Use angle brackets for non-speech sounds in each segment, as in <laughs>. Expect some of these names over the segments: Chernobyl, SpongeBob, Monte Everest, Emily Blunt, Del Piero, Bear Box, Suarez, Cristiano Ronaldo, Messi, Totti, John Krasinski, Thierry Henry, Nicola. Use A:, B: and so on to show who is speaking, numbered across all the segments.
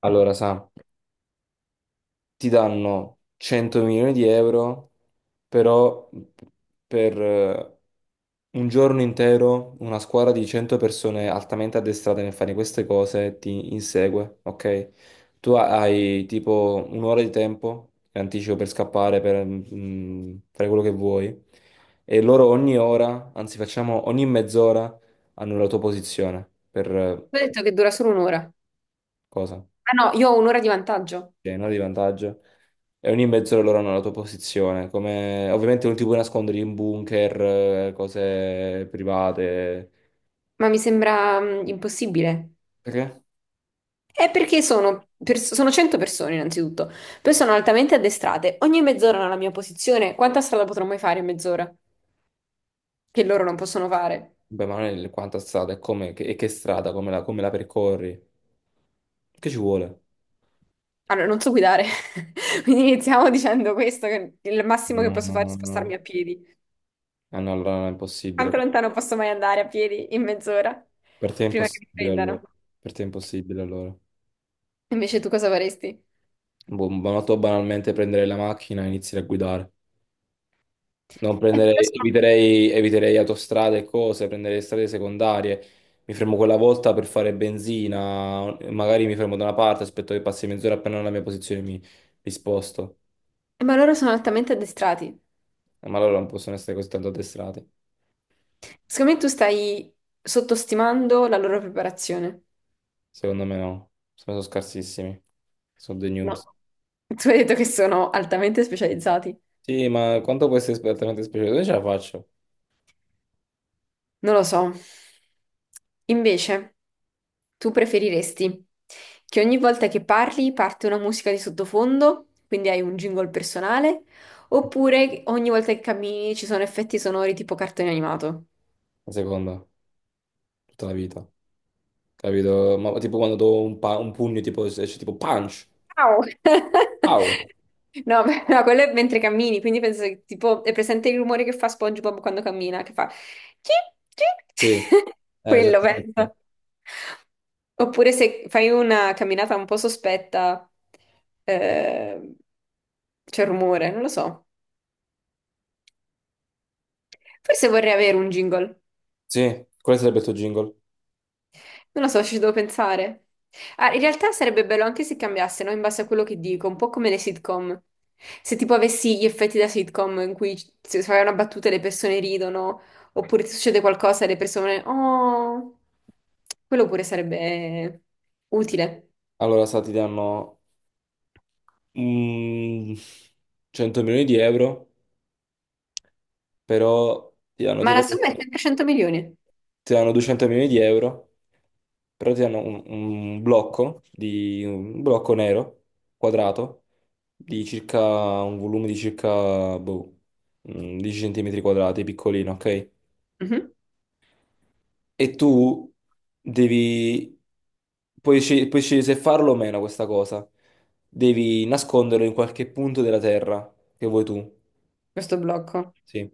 A: Allora, Sa, ti danno 100 milioni di euro, però per un giorno intero una squadra di 100 persone altamente addestrate nel fare queste cose ti insegue, ok? Tu hai tipo un'ora di tempo in anticipo per scappare, per fare quello che vuoi, e loro ogni ora, anzi facciamo ogni mezz'ora, hanno la tua posizione per
B: Ho detto che dura solo un'ora.
A: cosa?
B: Ah no, io ho un'ora di vantaggio,
A: Cioè, un'ora di vantaggio. E ogni mezz'ora loro hanno la tua posizione. Ovviamente non ti puoi nascondere in bunker, cose private.
B: ma mi sembra impossibile.
A: Perché?
B: È perché sono 100 persone innanzitutto, poi sono altamente addestrate. Ogni mezz'ora nella mia posizione, quanta strada potrò mai fare in mezz'ora? Che loro non possono fare.
A: Beh, ma non è quanta strada, è come, che strada, come la percorri. Che ci vuole?
B: Allora, non so guidare, <laughs> quindi iniziamo dicendo questo, che il massimo che
A: No,
B: posso
A: no,
B: fare è
A: no,
B: spostarmi
A: no.
B: a piedi.
A: Ah, no, allora è
B: Quanto
A: impossibile.
B: lontano posso mai andare a piedi in mezz'ora?
A: Per te è
B: Prima che mi
A: impossibile allora.
B: prendano.
A: Per te è impossibile allora.
B: Invece tu cosa faresti?
A: Boh, ma tu banalmente prendere la macchina e iniziare a guidare. Non
B: Però
A: prenderei,
B: sono-
A: eviterei autostrade e cose, prenderei strade secondarie. Mi fermo quella volta per fare benzina, magari mi fermo da una parte, aspetto che passi mezz'ora appena nella mia posizione mi sposto.
B: Ma loro sono altamente addestrati.
A: Ma loro non possono essere così tanto addestrati.
B: Secondo me tu stai sottostimando la loro preparazione.
A: Secondo me no, sono scarsissimi. Sono dei
B: No.
A: noobs.
B: Tu hai detto che sono altamente specializzati.
A: Sì, ma quanto può essere esattamente speciale? Dove ce la faccio?
B: Non lo so. Invece, tu preferiresti che ogni volta che parli parte una musica di sottofondo, quindi hai un jingle personale, oppure ogni volta che cammini ci sono effetti sonori tipo cartone animato?
A: La seconda, tutta la vita, capito? Ma tipo quando do un pugno, tipo, esce tipo punch.
B: Ciao! <laughs>
A: Au!
B: No, beh, no, quello è mentre cammini, quindi penso che tipo è presente il rumore che fa SpongeBob quando cammina, che fa chi, chi?
A: Sì.
B: <laughs> Quello
A: Esatto.
B: penso. Oppure se fai una camminata un po' sospetta, eh, c'è rumore, non lo so. Forse vorrei avere un jingle.
A: Sì, quale sarebbe il tuo jingle?
B: Non lo so, ci devo pensare. Ah, in realtà sarebbe bello anche se cambiassero in base a quello che dico, un po' come le sitcom. Se tipo avessi gli effetti da sitcom in cui se fai una battuta e le persone ridono, oppure ti succede qualcosa e le persone... Oh, quello pure sarebbe utile.
A: Allora, sa, ti danno mm, 100 milioni di euro, però ti danno
B: Ma la
A: tipo
B: somma è sempre 100 milioni.
A: ti danno 200 milioni di euro, però ti danno un blocco nero quadrato di circa un volume di circa 10 centimetri quadrati, piccolino, ok?
B: Mhm.
A: E tu devi, puoi scegliere se farlo o meno questa cosa. Devi nasconderlo in qualche punto della terra che vuoi tu.
B: Questo blocco.
A: Sì.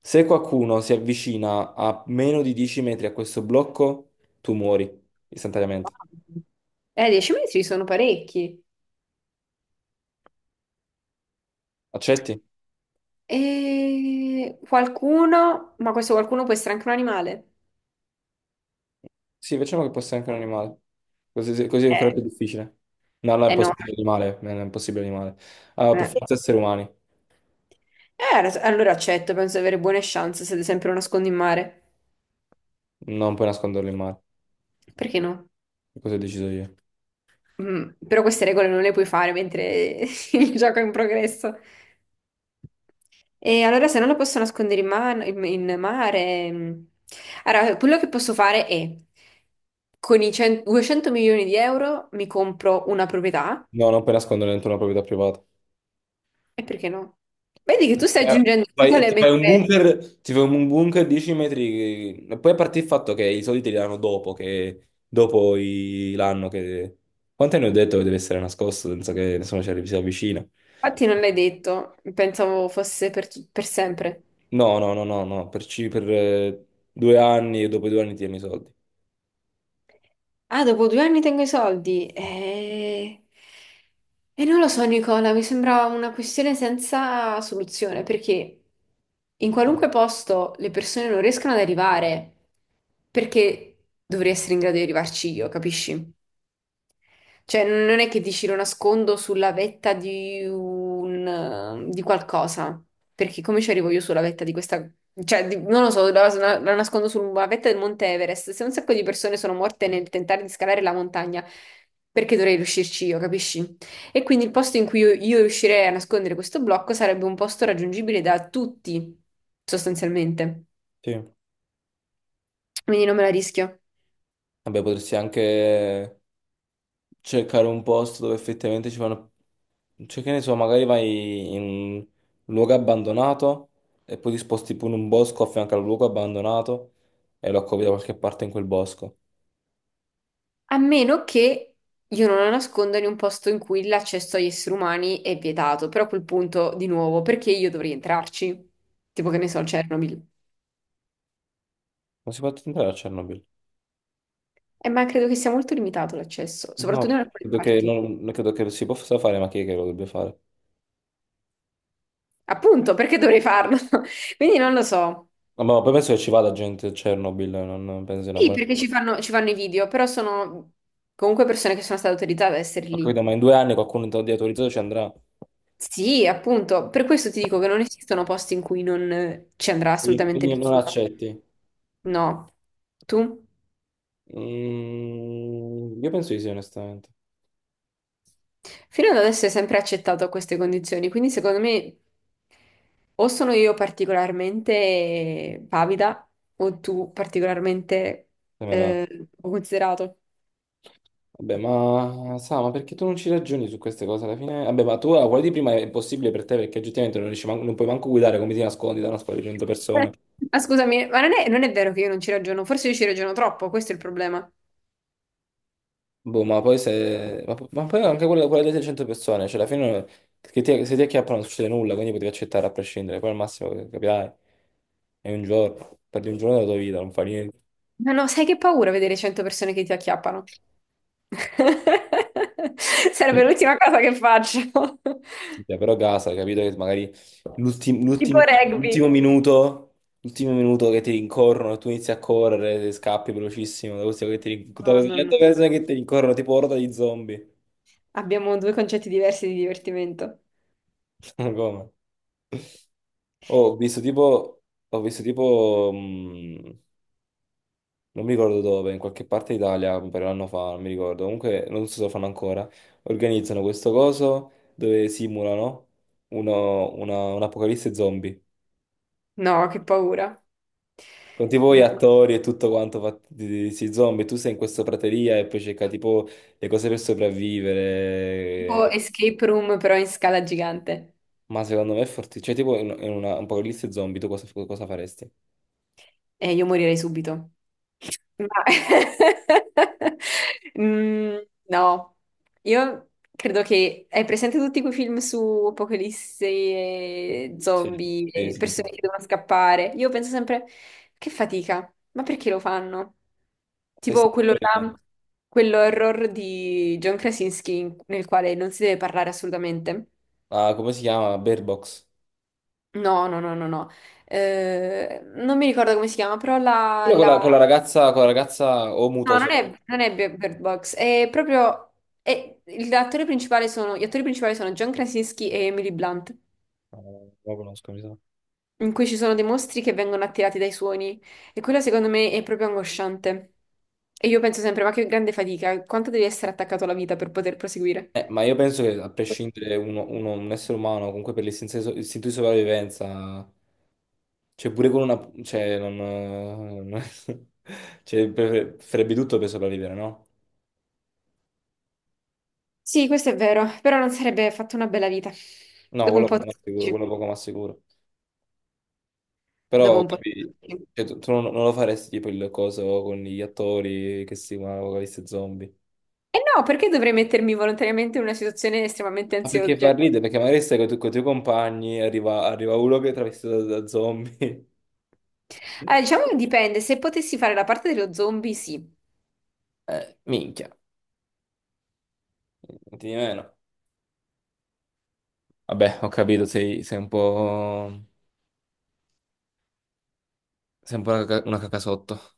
A: Se qualcuno si avvicina a meno di 10 metri a questo blocco, tu muori istantaneamente.
B: Wow. 10 metri sono parecchi.
A: Accetti?
B: E qualcuno, ma questo qualcuno può essere anche un animale.
A: Sì, facciamo che possa essere anche un animale. Così è ancora
B: Eh.
A: più difficile. No, no, è
B: Eh no.
A: impossibile animale. No, no, è impossibile animale. Allora, per
B: Eh.
A: forza esseri umani.
B: Allora accetto, penso di avere buone chance se ad esempio lo nascondo in mare.
A: Non puoi nasconderlo in mare.
B: Perché no?
A: Cosa ho deciso io?
B: Però queste regole non le puoi fare mentre <laughs> il gioco è in progresso. E allora se non lo posso nascondere in mare... mm. Allora, quello che posso fare è, con i 100 200 milioni di euro mi compro una proprietà,
A: No, non puoi nasconderlo dentro una proprietà privata.
B: e perché no? Vedi che tu stai
A: Eh,
B: aggiungendo
A: fai-
B: regole
A: ti fai un
B: mentre...
A: bunker, ti fai un bunker 10 metri, e poi a parte il fatto che i soldi te li danno dopo, che dopo l'anno che. Quanto ne ho detto che deve essere nascosto senza che nessuno si avvicina?
B: Infatti non l'hai detto, pensavo fosse per, tu- per sempre.
A: No, no, no, no, no, per 2 anni e dopo i 2 anni ti danno i soldi.
B: Ah, dopo 2 anni tengo i soldi. E non lo so, Nicola, mi sembra una questione senza soluzione, perché in qualunque posto le persone non riescono ad arrivare, perché dovrei essere in grado di arrivarci io, capisci? Cioè, non è che dici lo nascondo sulla vetta di qualcosa, perché come ci arrivo io sulla vetta di questa, cioè, non lo so, la nascondo sulla vetta del Monte Everest. Se un sacco di persone sono morte nel tentare di scalare la montagna, perché dovrei riuscirci io, capisci? E quindi il posto in cui io riuscirei a nascondere questo blocco sarebbe un posto raggiungibile da tutti, sostanzialmente.
A: Sì. Vabbè,
B: Quindi non me la rischio.
A: potresti anche cercare un posto dove effettivamente ci fanno. Cioè, che ne so, magari vai in un luogo abbandonato e poi ti sposti pure in un bosco a fianco al luogo abbandonato e lo accovi da qualche parte in quel bosco.
B: A meno che io non la nasconda in un posto in cui l'accesso agli esseri umani è vietato, però a quel punto, di nuovo, perché io dovrei entrarci? Tipo che ne so, Chernobyl.
A: Non si può entrare a Chernobyl.
B: Ma credo che sia molto limitato l'accesso,
A: No,
B: soprattutto in alcune
A: credo che
B: parti.
A: non, non credo che lo si possa fare, ma chi è che lo dovrebbe fare?
B: Appunto, perché dovrei farlo? <laughs> Quindi non lo so.
A: No, ma poi penso che ci vada gente a Chernobyl, non penso sia una
B: Sì,
A: buona.
B: perché ci fanno i video, però sono comunque persone che sono state autorizzate ad essere
A: Ho
B: lì.
A: capito, ma in 2 anni qualcuno di autorizzato ci andrà.
B: Sì, appunto, per questo ti dico che non esistono posti in cui non ci andrà
A: Quindi
B: assolutamente
A: quindi non
B: nessuno.
A: accetti.
B: No. Tu?
A: Mm, io penso di sì, onestamente.
B: Fino ad adesso è sempre accettato queste condizioni, quindi secondo me o sono io particolarmente pavida o tu particolarmente
A: Sembra-
B: considerato.
A: Vabbè, ma sa, ma perché tu non ci ragioni su queste cose alla fine? Vabbè, ma tu la quella di prima è impossibile per te perché oggettivamente non puoi manco guidare come ti nascondi da una scuola di 100 persone.
B: <laughs> Ma scusami, ma non è vero che io non ci ragiono, forse io ci ragiono troppo, questo è il problema.
A: Boh, ma poi se... ma poi anche quella, delle 600 persone, cioè alla fine se ti acchiappano non succede nulla, quindi potevi accettare a prescindere, poi al massimo capirai, è un giorno, perdi un giorno della tua vita, non fa niente.
B: Ma no, sai che paura vedere 100 persone che ti acchiappano? <laughs> Sarebbe l'ultima cosa che faccio. <laughs>
A: Cioè, però casa, capito che magari l'ultim-
B: Tipo
A: l'ultimi- l'ultimo
B: rugby.
A: minuto, l'ultimo minuto che ti rincorrono e tu inizi a correre, ti scappi velocissimo da
B: No,
A: queste
B: no, no, no.
A: 100 persone
B: no.
A: che ti rincorrono tipo orda di zombie.
B: Abbiamo due concetti diversi di divertimento.
A: <laughs> Ma come? Oh, ho visto tipo, ho visto tipo, mh, non mi ricordo dove, in qualche parte d'Italia, un paio d'anno fa, non mi ricordo, comunque non so se lo fanno ancora, organizzano questo coso dove simulano un'apocalisse zombie.
B: No, che paura.
A: Con tipo gli
B: No.
A: attori e tutto quanto fatti di questi zombie, tu sei in questa prateria e poi cerca tipo le cose per
B: Tipo
A: sopravvivere.
B: escape room però in scala gigante.
A: Ma secondo me è fortissimo. Cioè, tipo in un apocalisse zombie, tu cosa faresti?
B: E io morirei subito. Ma- <laughs> Mm, no, io credo che... Hai presente tutti quei film su apocalisse, e
A: Sì,
B: zombie,
A: sì,
B: e
A: sì, sì.
B: persone che devono scappare? Io penso sempre, che fatica, ma perché lo fanno?
A: Eh sì,
B: Tipo quello là,
A: sicuramente.
B: quello horror di John Krasinski nel quale non si deve parlare assolutamente.
A: Ah, come si chiama? Bear Box.
B: No, no, no, no, no. Non mi ricordo come si chiama, però la...
A: Quello con la, con
B: la-
A: la ragazza, con la ragazza o muto o
B: No,
A: solo.
B: non è Bird Box, è proprio... è- Gli attori principali sono John Krasinski e Emily Blunt,
A: No, non lo conosco, mi sa.
B: in cui ci sono dei mostri che vengono attirati dai suoni. E quello secondo me è proprio angosciante. E io penso sempre, ma che grande fatica, quanto devi essere attaccato alla vita per poter proseguire?
A: Ma io penso che a prescindere un essere umano, comunque per l'istinto di so- istinto di sopravvivenza. Cioè, pure con una. Non- <laughs> farebbe tutto per sopravvivere, no?
B: Sì, questo è vero, però non sarebbe fatto una bella vita.
A: No,
B: Dopo un
A: quello
B: po'
A: non
B: ti
A: è sicuro,
B: stufi.
A: quello poco ma sicuro.
B: Dopo
A: Però,
B: un po'.
A: capi, cioè, tu non lo faresti tipo il coso con gli attori che si chiamano Apocalisse Zombie.
B: E no, perché dovrei mettermi volontariamente in una situazione estremamente
A: Ma perché
B: ansiosa?
A: fa ridere? Perché magari stai con i tuoi compagni, arriva uno che è travestito da zombie.
B: Allora,
A: <laughs>
B: diciamo che dipende, se potessi fare la parte dello zombie, sì.
A: Minchia, non ti di meno. Vabbè, ho capito, sei un po'. Sei un po' una cacasotto.